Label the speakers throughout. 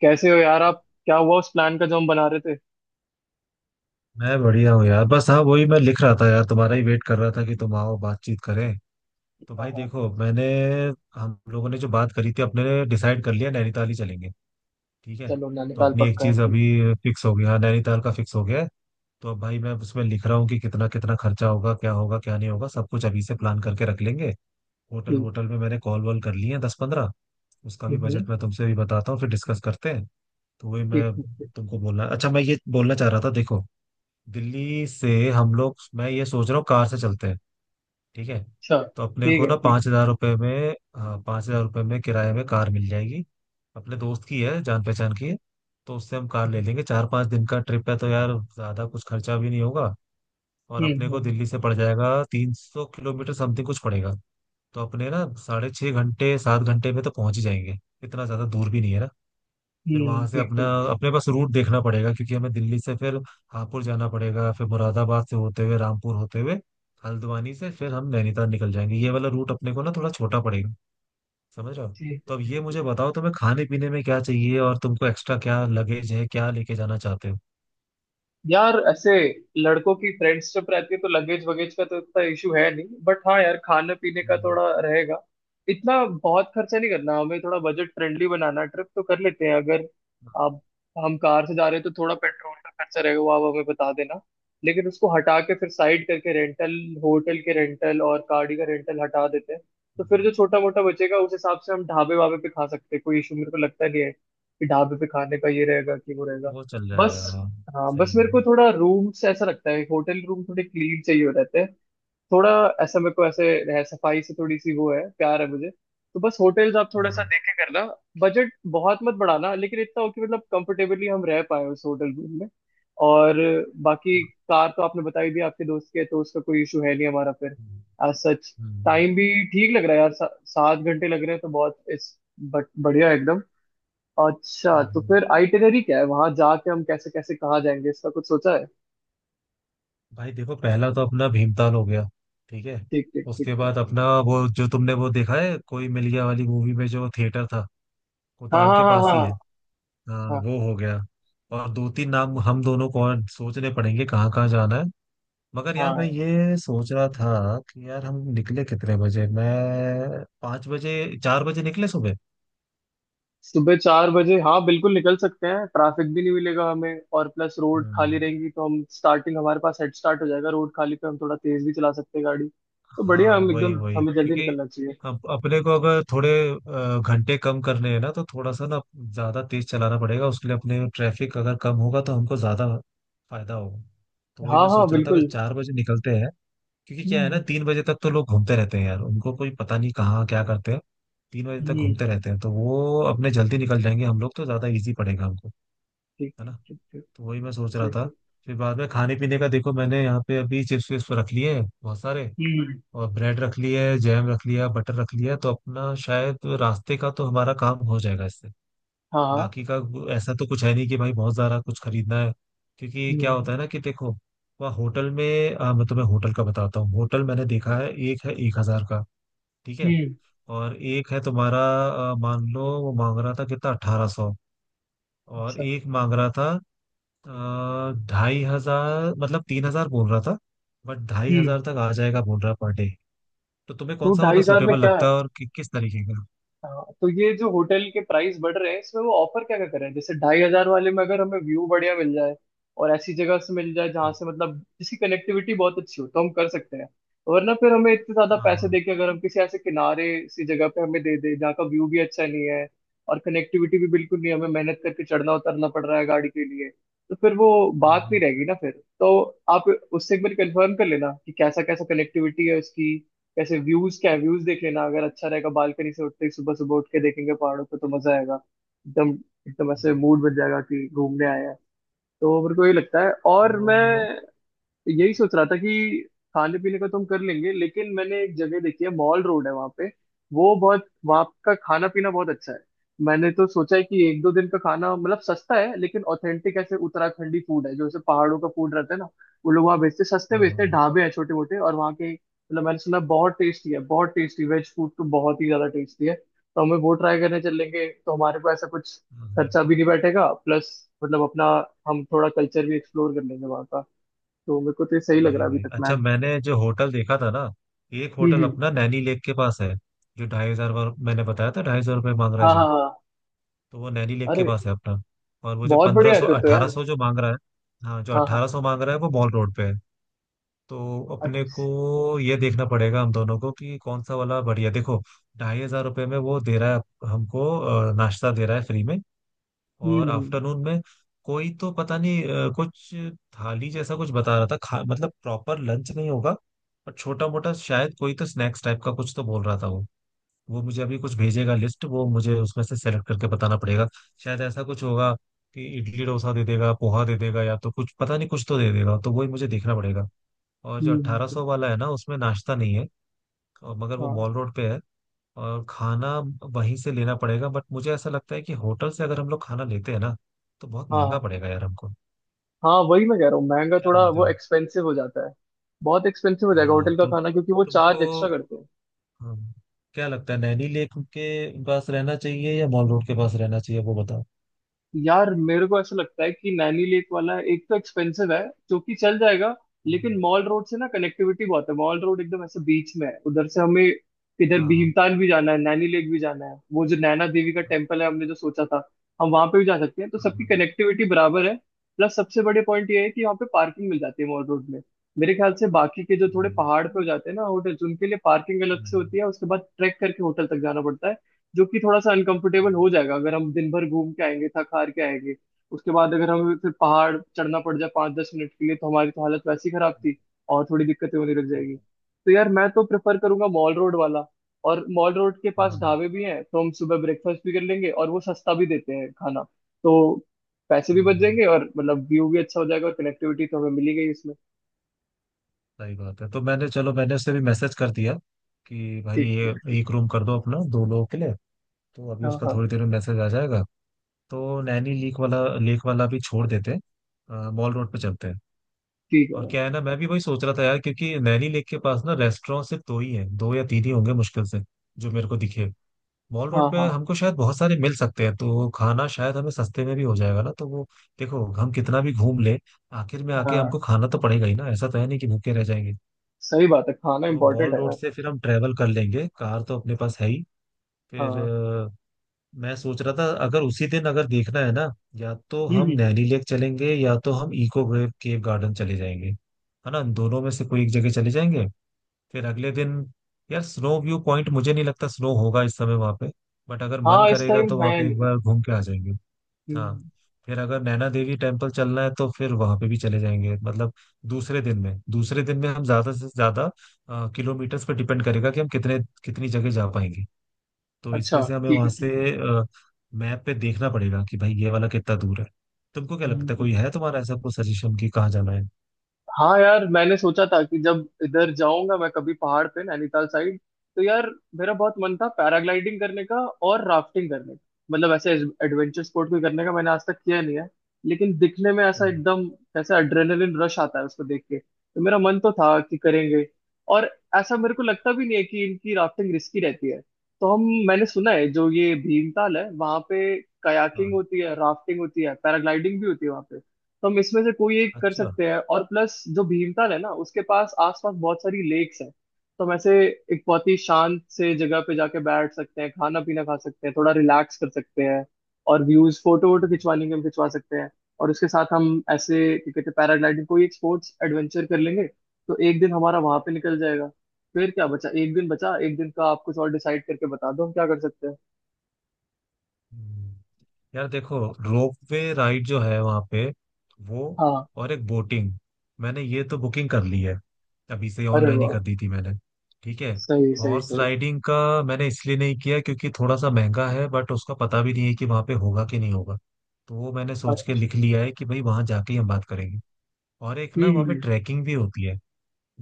Speaker 1: कैसे हो यार? आप क्या हुआ उस प्लान का जो हम बना रहे थे?
Speaker 2: मैं बढ़िया हूँ यार। बस हाँ, वही मैं लिख रहा था यार, तुम्हारा ही वेट कर रहा था कि तुम आओ, बातचीत करें। तो
Speaker 1: हाँ
Speaker 2: भाई
Speaker 1: हाँ।
Speaker 2: देखो, मैंने हम लोगों ने जो बात करी थी, अपने ने डिसाइड कर लिया नैनीताल ही चलेंगे। ठीक है।
Speaker 1: चलो
Speaker 2: तो
Speaker 1: नैनीताल
Speaker 2: अपनी एक
Speaker 1: पक्का है,
Speaker 2: चीज
Speaker 1: ठीक
Speaker 2: अभी फिक्स हो गई, हाँ नैनीताल का फिक्स हो गया है। तो अब भाई मैं उसमें लिख रहा हूँ कि कितना कितना खर्चा होगा, क्या होगा क्या नहीं होगा, सब कुछ अभी से प्लान करके रख लेंगे। होटल
Speaker 1: ठीक।
Speaker 2: वोटल में मैंने कॉल वॉल कर लिए हैं दस पंद्रह। उसका भी
Speaker 1: हम्म
Speaker 2: बजट
Speaker 1: हम्म,
Speaker 2: मैं तुमसे भी बताता हूँ, फिर डिस्कस करते हैं। तो वही
Speaker 1: ठीक
Speaker 2: मैं
Speaker 1: ठीक ठीक।
Speaker 2: तुमको बोलना, अच्छा मैं ये बोलना चाह रहा था, देखो दिल्ली से हम लोग, मैं ये सोच रहा हूँ कार से चलते हैं। ठीक है।
Speaker 1: अच्छा
Speaker 2: तो अपने
Speaker 1: ठीक
Speaker 2: को
Speaker 1: है
Speaker 2: ना
Speaker 1: ठीक
Speaker 2: पाँच
Speaker 1: है।
Speaker 2: हजार रुपये में, हाँ पाँच हजार रुपये में किराए में कार मिल जाएगी। अपने दोस्त की है, जान पहचान की है। तो उससे हम कार ले लेंगे। चार पाँच दिन का ट्रिप है, तो यार ज़्यादा कुछ खर्चा भी नहीं होगा। और अपने को
Speaker 1: हम्म।
Speaker 2: दिल्ली से पड़ जाएगा तीन सौ किलोमीटर समथिंग कुछ पड़ेगा। तो अपने ना साढ़े छः घंटे सात घंटे में तो पहुंच ही जाएंगे। इतना ज़्यादा दूर भी नहीं है ना। फिर वहां से
Speaker 1: ठीक
Speaker 2: अपना,
Speaker 1: ठीक ठीक।
Speaker 2: अपने पास रूट देखना पड़ेगा क्योंकि हमें दिल्ली से फिर हापुड़ जाना पड़ेगा, फिर मुरादाबाद से होते हुए रामपुर होते हुए हल्द्वानी से फिर हम नैनीताल निकल जाएंगे। ये वाला रूट अपने को ना थोड़ा छोटा पड़ेगा। समझ रहे हो।
Speaker 1: ठीक है
Speaker 2: तो अब
Speaker 1: ठीक
Speaker 2: ये
Speaker 1: है ठीक
Speaker 2: मुझे
Speaker 1: है।
Speaker 2: बताओ तुम्हें खाने पीने में क्या चाहिए और तुमको एक्स्ट्रा क्या लगेज है, क्या लेके जाना चाहते हो।
Speaker 1: यार ऐसे लड़कों की फ्रेंड्स ट्रिप रहती है तो लगेज वगेज का तो इतना इशू है नहीं, बट हाँ यार खाने पीने का
Speaker 2: हम्म,
Speaker 1: थोड़ा रहेगा। इतना बहुत खर्चा नहीं करना, हमें थोड़ा बजट फ्रेंडली बनाना ट्रिप तो कर लेते हैं अगर आप हम कार से जा रहे हैं तो थोड़ा पेट्रोल का खर्चा रहेगा, वो आप हमें बता देना। लेकिन उसको हटा के फिर साइड करके रेंटल होटल के रेंटल और गाड़ी का रेंटल हटा देते हैं, तो फिर
Speaker 2: हम्म।
Speaker 1: जो छोटा मोटा बचेगा उस हिसाब से हम ढाबे वाबे पे खा सकते हैं। कोई इशू मेरे को लगता नहीं है कि ढाबे पे खाने का ये रहेगा कि वो रहेगा।
Speaker 2: वो चल
Speaker 1: बस
Speaker 2: जाएगा, हाँ।
Speaker 1: हाँ
Speaker 2: सही
Speaker 1: बस
Speaker 2: है
Speaker 1: मेरे
Speaker 2: वो।
Speaker 1: को थोड़ा रूम से ऐसा लगता है होटल रूम थोड़े क्लीन चाहिए हो रहते हैं। थोड़ा ऐसा मेरे को ऐसे रह सफाई से थोड़ी सी वो है प्यार है मुझे, तो बस होटल्स आप
Speaker 2: हाँ
Speaker 1: थोड़ा सा
Speaker 2: हाँ।
Speaker 1: देखे करना। बजट बहुत मत बढ़ाना, लेकिन इतना हो कि मतलब कंफर्टेबली हम रह पाए उस होटल रूम में। और बाकी कार तो आपने बता ही दी, आपके दोस्त के तो उसका कोई इशू है नहीं हमारा। फिर
Speaker 2: हम्म
Speaker 1: एज सच
Speaker 2: हम्म।
Speaker 1: टाइम भी ठीक लग रहा है यार, 7 घंटे लग रहे हैं तो बहुत इस बट बढ़िया है। अच्छा
Speaker 2: हम्म,
Speaker 1: तो
Speaker 2: हम्म।
Speaker 1: फिर आइटिनरी क्या है? वहां जाके हम कैसे कैसे कहाँ जाएंगे, इसका कुछ सोचा है?
Speaker 2: भाई देखो, पहला तो अपना भीमताल हो गया। ठीक है।
Speaker 1: ठीक ठीक ठीक
Speaker 2: उसके
Speaker 1: ठीक।
Speaker 2: बाद अपना वो जो तुमने वो देखा है, कोई मिल गया वाली मूवी में जो थिएटर था,
Speaker 1: हाँ
Speaker 2: कोताल
Speaker 1: हाँ
Speaker 2: के
Speaker 1: हाँ
Speaker 2: पास ही है।
Speaker 1: हाँ
Speaker 2: हाँ,
Speaker 1: हाँ
Speaker 2: वो हो गया। और दो तीन नाम हम दोनों को और सोचने पड़ेंगे कहाँ कहाँ जाना है। मगर
Speaker 1: हाँ
Speaker 2: यार मैं
Speaker 1: हाँ।
Speaker 2: ये सोच रहा था कि यार हम निकले कितने बजे, मैं पाँच बजे चार बजे निकले सुबह।
Speaker 1: सुबह 4 बजे हाँ बिल्कुल निकल सकते हैं। ट्रैफिक भी नहीं मिलेगा हमें और प्लस रोड खाली
Speaker 2: हम्म।
Speaker 1: रहेंगी, तो हम स्टार्टिंग हमारे पास हेड स्टार्ट हो जाएगा। रोड खाली पे हम थोड़ा तेज भी चला सकते हैं गाड़ी, तो बढ़िया
Speaker 2: हाँ
Speaker 1: हम
Speaker 2: वही
Speaker 1: एकदम
Speaker 2: वही
Speaker 1: हमें जल्दी
Speaker 2: क्योंकि
Speaker 1: निकलना चाहिए।
Speaker 2: अपने को अगर थोड़े घंटे कम करने हैं ना, तो थोड़ा सा ना ज्यादा तेज चलाना पड़ेगा। उसके लिए अपने ट्रैफिक अगर कम होगा तो हमको ज्यादा फायदा होगा। तो वही
Speaker 1: हाँ
Speaker 2: मैं
Speaker 1: हाँ
Speaker 2: सोच रहा था कि
Speaker 1: बिल्कुल।
Speaker 2: चार बजे निकलते हैं। क्योंकि क्या है ना,
Speaker 1: हम्म
Speaker 2: तीन बजे तक तो लोग घूमते रहते हैं यार, उनको कोई पता नहीं कहाँ क्या करते हैं। तीन बजे तक
Speaker 1: हम्म,
Speaker 2: घूमते रहते हैं, तो वो अपने जल्दी निकल जाएंगे हम लोग, तो ज्यादा इजी पड़ेगा हमको।
Speaker 1: ठीक
Speaker 2: है
Speaker 1: ठीक
Speaker 2: ना।
Speaker 1: ठीक ठीक।
Speaker 2: तो वही मैं सोच रहा
Speaker 1: सही
Speaker 2: था।
Speaker 1: सही।
Speaker 2: फिर बाद में खाने पीने का देखो, मैंने यहाँ पे अभी चिप्स विप्स तो रख लिए हैं बहुत सारे।
Speaker 1: हम्म।
Speaker 2: और ब्रेड रख लिए, जैम रख लिया, बटर रख लिया, तो अपना शायद रास्ते का तो हमारा काम हो जाएगा इससे।
Speaker 1: हाँ हाँ।
Speaker 2: बाकी का ऐसा तो कुछ है नहीं कि भाई बहुत सारा कुछ खरीदना है। क्योंकि क्या
Speaker 1: हम्म
Speaker 2: होता है ना कि देखो वहाँ होटल में मैं तुम्हें होटल का बताता हूँ। होटल मैंने देखा है, एक है एक हजार का। ठीक है।
Speaker 1: हम्म।
Speaker 2: और एक है तुम्हारा, मान लो वो मांग रहा था कितना, अठारह सौ। और
Speaker 1: अच्छा।
Speaker 2: एक मांग रहा था ढाई हजार, मतलब तीन हजार बोल रहा था। बट ढाई
Speaker 1: हम्म।
Speaker 2: हजार तक आ जाएगा बोल रहा, पर डे। तो तुम्हें कौन
Speaker 1: तो
Speaker 2: सा
Speaker 1: ढाई
Speaker 2: वाला
Speaker 1: हजार में
Speaker 2: सुटेबल
Speaker 1: क्या है?
Speaker 2: लगता है और किस तरीके का।
Speaker 1: हाँ, तो ये जो होटल के प्राइस बढ़ रहे हैं, इसमें वो ऑफर क्या क्या कर रहे हैं? जैसे 2500 वाले में अगर हमें व्यू बढ़िया मिल जाए और ऐसी जगह से मिल जाए जहाँ से मतलब जिसकी कनेक्टिविटी बहुत अच्छी हो, तो हम कर सकते हैं। वरना फिर हमें इतने ज्यादा
Speaker 2: हाँ
Speaker 1: पैसे
Speaker 2: हाँ।
Speaker 1: देके अगर हम किसी ऐसे किनारे सी जगह पे हमें दे दे जहाँ का व्यू भी अच्छा नहीं है और कनेक्टिविटी भी बिल्कुल नहीं है, हमें मेहनत करके चढ़ना उतरना पड़ रहा है गाड़ी के लिए, तो फिर वो बात नहीं
Speaker 2: हम्म,
Speaker 1: रहेगी ना फिर। तो आप उससे एक बार कंफर्म कर लेना कि कैसा कैसा कनेक्टिविटी है उसकी, कैसे व्यूज क्या है व्यूज देख लेना। अगर अच्छा रहेगा बालकनी से उठते ही सुबह सुबह उठ के देखेंगे पहाड़ों पे तो मजा आएगा एकदम। एकदम ऐसे
Speaker 2: हम्म।
Speaker 1: मूड बन जाएगा कि घूमने आए हैं। तो मेरे को ये लगता है और
Speaker 2: वो।
Speaker 1: मैं यही सोच रहा था कि खाने पीने का तो हम कर लेंगे, लेकिन मैंने एक जगह देखी है मॉल रोड है वहाँ पे। वो बहुत वहाँ का खाना पीना बहुत अच्छा है। मैंने तो सोचा है कि 1 2 दिन का खाना मतलब सस्ता है लेकिन ऑथेंटिक ऐसे उत्तराखंडी फूड है, जो ऐसे पहाड़ों का फूड रहता है ना। वो लोग वहाँ बेचते सस्ते
Speaker 2: हाँ
Speaker 1: बेचते हैं,
Speaker 2: हाँ।
Speaker 1: ढाबे हैं छोटे मोटे, और वहाँ के मतलब मैंने सुना बहुत टेस्टी है, बहुत टेस्टी वेज फूड तो बहुत ही ज्यादा टेस्टी है, तो हमें वो ट्राई करने चलेंगे तो हमारे को ऐसा कुछ
Speaker 2: हम्म।
Speaker 1: खर्चा भी नहीं बैठेगा। प्लस मतलब अपना हम थोड़ा कल्चर भी एक्सप्लोर कर लेंगे वहाँ का। तो मेरे को तो ये सही लग रहा
Speaker 2: वही
Speaker 1: है अभी
Speaker 2: वही
Speaker 1: तक
Speaker 2: अच्छा,
Speaker 1: प्लान।
Speaker 2: मैंने जो होटल देखा था ना, एक होटल
Speaker 1: हम्म।
Speaker 2: अपना नैनी लेक के पास है, जो ढाई हजार मैंने बताया था ढाई सौ रुपये मांग रहा है
Speaker 1: हाँ हाँ
Speaker 2: जो।
Speaker 1: हाँ।
Speaker 2: तो वो नैनी लेक के
Speaker 1: अरे
Speaker 2: पास है अपना। और वो जो
Speaker 1: बहुत
Speaker 2: पंद्रह
Speaker 1: बढ़िया है
Speaker 2: सौ
Speaker 1: फिर तो
Speaker 2: अठारह
Speaker 1: यार।
Speaker 2: सौ जो मांग रहा है, हाँ जो
Speaker 1: हाँ हाँ।
Speaker 2: अठारह सौ मांग रहा है वो मॉल रोड पे है। तो अपने
Speaker 1: अच्छा,
Speaker 2: को ये देखना पड़ेगा हम दोनों को कि कौन सा वाला बढ़िया। देखो, ढाई हजार रुपये में वो दे रहा है हमको, नाश्ता दे रहा है फ्री में। और
Speaker 1: हम्म
Speaker 2: आफ्टरनून में कोई तो पता नहीं, कुछ थाली जैसा कुछ बता रहा था, खा मतलब प्रॉपर लंच नहीं होगा। पर छोटा मोटा शायद कोई तो स्नैक्स टाइप का कुछ तो बोल रहा था वो। वो मुझे अभी कुछ भेजेगा लिस्ट, वो मुझे उसमें से सेलेक्ट करके बताना पड़ेगा। शायद ऐसा कुछ होगा कि इडली डोसा दे देगा, पोहा दे देगा, या तो कुछ पता नहीं कुछ तो दे देगा, तो वही मुझे देखना पड़ेगा। और जो
Speaker 1: हम्म।
Speaker 2: 1800 वाला है ना, उसमें नाश्ता नहीं है। और मगर वो
Speaker 1: हाँ
Speaker 2: मॉल रोड पे है। और खाना वहीं से लेना पड़ेगा, बट मुझे ऐसा लगता है कि होटल से अगर हम लोग खाना लेते हैं ना, तो बहुत
Speaker 1: हाँ
Speaker 2: महंगा
Speaker 1: हाँ।
Speaker 2: पड़ेगा यार हमको।
Speaker 1: हाँ वही मैं कह रहा हूँ, महंगा
Speaker 2: क्या
Speaker 1: थोड़ा
Speaker 2: बोलते
Speaker 1: वो
Speaker 2: हो।
Speaker 1: एक्सपेंसिव हो जाता है। बहुत एक्सपेंसिव हो जाएगा
Speaker 2: हाँ
Speaker 1: होटल का
Speaker 2: तो
Speaker 1: खाना, क्योंकि वो चार्ज
Speaker 2: तुमको,
Speaker 1: एक्स्ट्रा करते हैं।
Speaker 2: हाँ, क्या लगता है, नैनी लेक के पास रहना चाहिए या मॉल रोड के पास रहना चाहिए वो बताओ।
Speaker 1: यार मेरे को ऐसा लगता है कि नैनी लेक वाला एक तो एक्सपेंसिव है, जो कि चल जाएगा।
Speaker 2: हम्म,
Speaker 1: लेकिन मॉल रोड से ना कनेक्टिविटी बहुत है। मॉल रोड एकदम ऐसे बीच में है, उधर से हमें इधर
Speaker 2: हाँ
Speaker 1: भीमताल भी जाना है, नैनी लेक भी जाना है, वो जो नैना देवी का
Speaker 2: हाँ
Speaker 1: टेम्पल है हमने जो सोचा था हम वहां पे भी जा सकते हैं, तो
Speaker 2: हाँ,
Speaker 1: सबकी
Speaker 2: हाँ,
Speaker 1: कनेक्टिविटी बराबर है। प्लस सबसे बड़े पॉइंट ये है कि वहाँ पे पार्किंग मिल जाती है मॉल रोड में। मेरे ख्याल से बाकी के जो थोड़े
Speaker 2: वही।
Speaker 1: पहाड़ पे हो जाते हैं ना होटल्स, उनके लिए पार्किंग अलग से
Speaker 2: हम्म,
Speaker 1: होती है, उसके बाद ट्रैक करके होटल तक जाना पड़ता है, जो कि थोड़ा सा अनकंफर्टेबल
Speaker 2: हम्म,
Speaker 1: हो जाएगा अगर हम दिन भर घूम के आएंगे थक हार के आएंगे। उसके बाद अगर हमें फिर पहाड़ चढ़ना पड़ जाए 5 10 मिनट के लिए, तो हमारी तो हालत वैसी खराब थी। और थोड़ी दिक्कतें होने लग
Speaker 2: हम्म,
Speaker 1: जाएगी
Speaker 2: हम्म,
Speaker 1: तो यार मैं तो प्रेफर करूंगा मॉल रोड वाला। और मॉल रोड के पास
Speaker 2: हाँ,
Speaker 1: ढाबे भी हैं तो हम सुबह ब्रेकफास्ट भी कर लेंगे और वो सस्ता भी देते हैं खाना। तो पैसे भी बच
Speaker 2: हम्म।
Speaker 1: जाएंगे और मतलब व्यू भी अच्छा हो जाएगा और कनेक्टिविटी तो हमें मिली गई इसमें।
Speaker 2: सही बात है। तो मैंने, चलो मैंने उसे भी मैसेज कर दिया कि भाई
Speaker 1: ठीक
Speaker 2: ये
Speaker 1: ठीक ठीक।
Speaker 2: एक रूम कर दो अपना दो लोगों के लिए। तो अभी
Speaker 1: हाँ
Speaker 2: उसका
Speaker 1: हाँ।
Speaker 2: थोड़ी देर में मैसेज आ जाएगा। तो नैनी लेक वाला, भी छोड़ देते हैं, मॉल रोड पे चलते हैं।
Speaker 1: ठीक है
Speaker 2: और
Speaker 1: भाई।
Speaker 2: क्या है ना, मैं भी वही सोच रहा था यार, क्योंकि नैनी लेक के पास ना रेस्टोरेंट सिर्फ दो ही हैं, दो या तीन ही होंगे मुश्किल से जो मेरे को दिखे। मॉल
Speaker 1: हाँ
Speaker 2: रोड पे
Speaker 1: हाँ
Speaker 2: हमको शायद बहुत सारे मिल सकते हैं, तो खाना शायद हमें सस्ते में भी हो जाएगा ना, तो वो देखो, हम कितना भी घूम ले आखिर में आके
Speaker 1: हाँ।
Speaker 2: हमको खाना तो पड़ेगा ही ना, ऐसा तो है नहीं कि भूखे रह जाएंगे।
Speaker 1: सही बात है, खाना
Speaker 2: तो
Speaker 1: इम्पोर्टेंट
Speaker 2: मॉल
Speaker 1: है
Speaker 2: रोड
Speaker 1: यार।
Speaker 2: से फिर हम ट्रेवल कर लेंगे, कार तो अपने पास है ही। फिर
Speaker 1: हाँ।
Speaker 2: मैं सोच रहा था अगर उसी दिन अगर देखना है ना, या तो हम
Speaker 1: हम्म।
Speaker 2: नैनी लेक चलेंगे या तो हम इको केव गार्डन चले जाएंगे। है ना, दोनों में से कोई एक जगह चले जाएंगे। फिर अगले दिन, यार स्नो व्यू पॉइंट मुझे नहीं लगता स्नो होगा इस समय वहां पे। बट अगर मन
Speaker 1: हाँ इस
Speaker 2: करेगा
Speaker 1: टाइम
Speaker 2: तो
Speaker 1: है
Speaker 2: वहां पे एक
Speaker 1: नहीं।
Speaker 2: बार घूम के आ जाएंगे। हाँ।
Speaker 1: हम्म,
Speaker 2: फिर अगर नैना देवी टेम्पल चलना है तो फिर वहां पे भी चले जाएंगे। मतलब दूसरे दिन में, हम ज्यादा से ज्यादा किलोमीटर्स पे डिपेंड करेगा कि हम कितने, कितनी जगह जा पाएंगे। तो इसमें
Speaker 1: अच्छा
Speaker 2: से हमें
Speaker 1: ठीक
Speaker 2: वहां
Speaker 1: है
Speaker 2: से
Speaker 1: ठीक है।
Speaker 2: मैप पे देखना पड़ेगा कि भाई ये वाला कितना दूर है। तुमको क्या
Speaker 1: हम्म,
Speaker 2: लगता है,
Speaker 1: हम्म।
Speaker 2: कोई है तुम्हारा ऐसा कोई सजेशन कि कहाँ जाना है।
Speaker 1: हाँ यार मैंने सोचा था कि जब इधर जाऊंगा मैं कभी पहाड़ पे नैनीताल साइड, तो यार मेरा बहुत मन था पैराग्लाइडिंग करने का और राफ्टिंग करने का। मतलब ऐसे एडवेंचर स्पोर्ट कोई करने का मैंने आज तक किया नहीं है। लेकिन दिखने में ऐसा
Speaker 2: हाँ
Speaker 1: एकदम ऐसा एड्रेनलिन रश आता है उसको देख के, तो मेरा मन तो था कि करेंगे। और ऐसा मेरे को लगता भी नहीं है कि इनकी राफ्टिंग रिस्की रहती है। तो हम मैंने सुना है जो ये भीमताल है वहां पे कयाकिंग
Speaker 2: हाँ।
Speaker 1: होती है, राफ्टिंग होती है, पैराग्लाइडिंग भी होती है वहां पे। तो हम इसमें से कोई एक कर
Speaker 2: अच्छा।
Speaker 1: सकते हैं। और प्लस जो भीमताल है ना उसके पास आसपास बहुत सारी लेक्स हैं, तो हम ऐसे एक बहुत ही शांत से जगह पे जाके बैठ सकते हैं, खाना पीना खा सकते हैं, थोड़ा रिलैक्स कर सकते हैं और व्यूज फोटो वोटो खिंचवाने के हम खिंचवा सकते हैं। और उसके साथ हम ऐसे क्या कहते हैं पैराग्लाइडिंग कोई एक स्पोर्ट्स एडवेंचर कर लेंगे, तो एक दिन हमारा वहां पे निकल जाएगा। फिर क्या बचा, एक दिन बचा, एक दिन का आप कुछ और डिसाइड करके बता दो हम क्या कर सकते हैं।
Speaker 2: हम्म। यार देखो रोपवे राइड जो है वहां पे, वो
Speaker 1: हाँ।
Speaker 2: और एक बोटिंग, मैंने ये तो बुकिंग कर ली है, अभी से
Speaker 1: अरे
Speaker 2: ऑनलाइन ही
Speaker 1: वाह।
Speaker 2: कर दी थी मैंने। ठीक है।
Speaker 1: सही सही
Speaker 2: हॉर्स
Speaker 1: सही।
Speaker 2: राइडिंग का मैंने इसलिए नहीं किया क्योंकि थोड़ा सा महंगा है, बट उसका पता भी नहीं है कि वहां पे होगा कि नहीं होगा। तो वो मैंने सोच के
Speaker 1: अच्छा।
Speaker 2: लिख लिया है कि भाई वहां जाके ही हम बात करेंगे। और एक ना वहाँ पे
Speaker 1: हम्म।
Speaker 2: ट्रैकिंग भी होती है।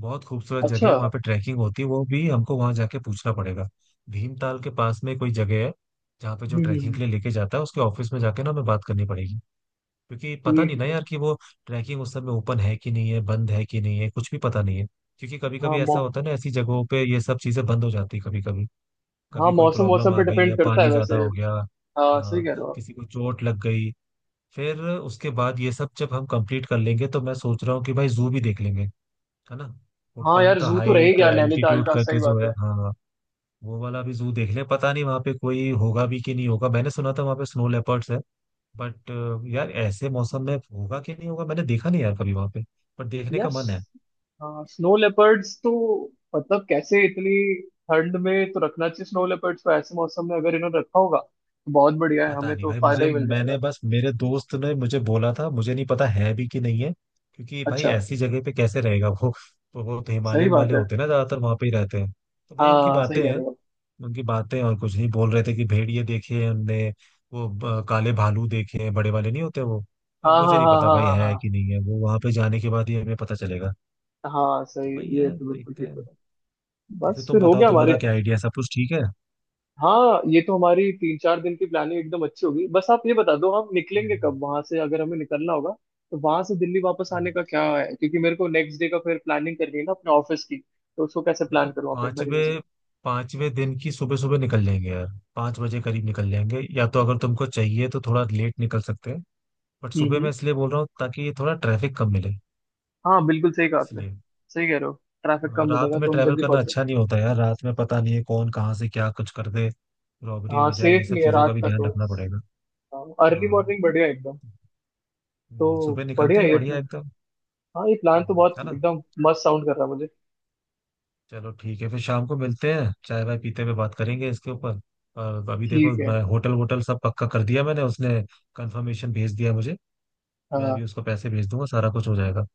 Speaker 2: बहुत खूबसूरत जगह
Speaker 1: अच्छा।
Speaker 2: है, वहाँ पे ट्रैकिंग होती है, वो भी हमको वहाँ जाके पूछना पड़ेगा। भीमताल के पास में कोई जगह है जहाँ पे जो
Speaker 1: हम्म
Speaker 2: ट्रैकिंग
Speaker 1: हम्म,
Speaker 2: के लिए लेके जाता है, उसके ऑफिस में जाके ना हमें बात करनी पड़ेगी। क्योंकि
Speaker 1: ठीक
Speaker 2: पता नहीं
Speaker 1: है
Speaker 2: ना
Speaker 1: ठीक है।
Speaker 2: यार कि वो ट्रैकिंग उस समय ओपन है कि नहीं है, बंद है कि नहीं है, कुछ भी पता नहीं है। क्योंकि कभी
Speaker 1: हाँ
Speaker 2: कभी ऐसा
Speaker 1: मौ,
Speaker 2: होता है ना, ऐसी जगहों पे ये सब चीजें बंद हो जाती है कभी कभी।
Speaker 1: हाँ
Speaker 2: कभी कोई
Speaker 1: मौसम
Speaker 2: प्रॉब्लम
Speaker 1: मौसम
Speaker 2: आ
Speaker 1: पे
Speaker 2: गई
Speaker 1: डिपेंड
Speaker 2: या
Speaker 1: करता है
Speaker 2: पानी ज्यादा
Speaker 1: वैसे।
Speaker 2: हो गया।
Speaker 1: हाँ सही
Speaker 2: हाँ,
Speaker 1: कह रहे हो आप।
Speaker 2: किसी को चोट लग गई। फिर उसके बाद ये सब जब हम कंप्लीट कर लेंगे तो मैं सोच रहा हूँ कि भाई जू भी देख लेंगे। है ना।
Speaker 1: हाँ
Speaker 2: ऊपर
Speaker 1: यार
Speaker 2: तो
Speaker 1: जू तो
Speaker 2: हाइट
Speaker 1: रहेगा यार नैनीताल
Speaker 2: एल्टीट्यूड
Speaker 1: का, सही
Speaker 2: करके जो
Speaker 1: बात
Speaker 2: है,
Speaker 1: है।
Speaker 2: हाँ हाँ, वो वाला भी जू देख ले। पता नहीं वहाँ पे कोई होगा भी कि नहीं होगा, मैंने सुना था वहाँ पे स्नो लेपर्ड्स है। बट यार ऐसे मौसम में होगा कि नहीं होगा, मैंने देखा नहीं यार कभी वहाँ पे। पर देखने
Speaker 1: यार
Speaker 2: का मन है।
Speaker 1: हाँ स्नो लेपर्ड्स तो मतलब कैसे इतनी ठंड में तो रखना चाहिए स्नो लेपर्ड्स को। ऐसे मौसम में अगर इन्होंने रखा होगा तो बहुत बढ़िया है,
Speaker 2: पता
Speaker 1: हमें
Speaker 2: नहीं
Speaker 1: तो
Speaker 2: भाई
Speaker 1: फायदा
Speaker 2: मुझे,
Speaker 1: ही मिल
Speaker 2: मैंने
Speaker 1: जाएगा।
Speaker 2: बस, मेरे दोस्त ने मुझे बोला था, मुझे नहीं पता है भी कि नहीं है। क्योंकि भाई
Speaker 1: अच्छा।
Speaker 2: ऐसी जगह पे कैसे रहेगा वो। तो वो तो
Speaker 1: सही
Speaker 2: हिमालयन
Speaker 1: बात
Speaker 2: वाले
Speaker 1: है।
Speaker 2: होते हैं ना, ज्यादातर वहाँ पे ही रहते हैं। तो भाई उनकी
Speaker 1: हाँ सही
Speaker 2: बातें
Speaker 1: कह
Speaker 2: हैं।
Speaker 1: रहे हो आप।
Speaker 2: उनकी बातें, और कुछ नहीं, बोल रहे थे कि भेड़िए देखे हैं उनने। वो काले भालू देखे हैं, बड़े वाले नहीं होते वो।
Speaker 1: हाँ
Speaker 2: अब
Speaker 1: हाँ
Speaker 2: मुझे नहीं
Speaker 1: हाँ
Speaker 2: पता भाई
Speaker 1: हाँ
Speaker 2: है
Speaker 1: हाँ।
Speaker 2: कि नहीं है, वो वहां पे जाने के बाद ही हमें पता चलेगा।
Speaker 1: हाँ हाँ
Speaker 2: तो
Speaker 1: सही।
Speaker 2: वही
Speaker 1: ये
Speaker 2: है,
Speaker 1: तो बिल्कुल
Speaker 2: देखते
Speaker 1: ठीक
Speaker 2: हैं।
Speaker 1: है।
Speaker 2: तो फिर
Speaker 1: बस
Speaker 2: तुम
Speaker 1: फिर हो
Speaker 2: बताओ
Speaker 1: गया हमारे।
Speaker 2: तुम्हारा क्या आइडिया है? सब कुछ ठीक है।
Speaker 1: हाँ ये तो हमारी 3 4 दिन की प्लानिंग एकदम अच्छी होगी। बस आप ये बता दो हम निकलेंगे कब
Speaker 2: हम्म,
Speaker 1: वहां से, अगर हमें निकलना होगा तो वहां से दिल्ली वापस
Speaker 2: हम्म।
Speaker 1: आने का क्या है, क्योंकि मेरे को नेक्स्ट डे का फिर प्लानिंग करनी है ना अपने ऑफिस की। तो उसको कैसे
Speaker 2: देखो,
Speaker 1: प्लान करूँ, आप एक बार ही
Speaker 2: पांचवे
Speaker 1: मुझे।
Speaker 2: पांचवे दिन की सुबह सुबह निकल जाएंगे यार। पांच बजे करीब निकल जाएंगे, या तो अगर तुमको चाहिए तो थोड़ा लेट निकल सकते हैं। बट
Speaker 1: हम्म
Speaker 2: सुबह
Speaker 1: हम्म।
Speaker 2: मैं इसलिए बोल रहा हूँ ताकि ये थोड़ा ट्रैफिक कम मिले।
Speaker 1: हाँ बिल्कुल सही कहा आपने।
Speaker 2: इसलिए
Speaker 1: सही कह रहे हो। ट्रैफिक कम
Speaker 2: रात
Speaker 1: मिलेगा
Speaker 2: में
Speaker 1: तो हम
Speaker 2: ट्रैवल
Speaker 1: जल्दी
Speaker 2: करना
Speaker 1: पहुंचेंगे।
Speaker 2: अच्छा नहीं होता यार, रात में पता नहीं है कौन कहाँ से क्या कुछ कर दे, रॉबरी
Speaker 1: हाँ
Speaker 2: हो जाए, ये
Speaker 1: सेफ
Speaker 2: सब
Speaker 1: नहीं है
Speaker 2: चीजों का
Speaker 1: रात
Speaker 2: भी
Speaker 1: का
Speaker 2: ध्यान
Speaker 1: तो।
Speaker 2: रखना पड़ेगा।
Speaker 1: अर्ली
Speaker 2: हाँ,
Speaker 1: मॉर्निंग बढ़िया एकदम। तो
Speaker 2: सुबह
Speaker 1: बढ़िया
Speaker 2: निकलते
Speaker 1: है
Speaker 2: हैं
Speaker 1: ये
Speaker 2: बढ़िया एकदम।
Speaker 1: हाँ ये प्लान तो बहुत
Speaker 2: है ना।
Speaker 1: एकदम मस्त साउंड कर रहा है मुझे।
Speaker 2: चलो ठीक है, फिर शाम को मिलते हैं, चाय वाय पीते हुए बात करेंगे इसके ऊपर। और अभी देखो,
Speaker 1: ठीक है।
Speaker 2: मैं होटल वोटल सब पक्का कर दिया, मैंने उसने कंफर्मेशन भेज दिया मुझे। मैं
Speaker 1: हाँ
Speaker 2: अभी उसको पैसे भेज दूंगा, सारा कुछ हो जाएगा।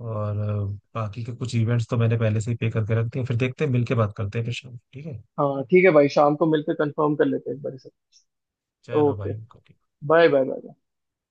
Speaker 2: और बाकी के कुछ इवेंट्स तो मैंने पहले से ही पे करके रख दिए, फिर देखते हैं मिल के बात करते हैं फिर शाम को, ठीक है।
Speaker 1: हाँ ठीक है भाई, शाम को मिलकर कंफर्म कर लेते हैं एक बार इसे।
Speaker 2: चलो
Speaker 1: ओके।
Speaker 2: भाई okay.
Speaker 1: Bye bye bye.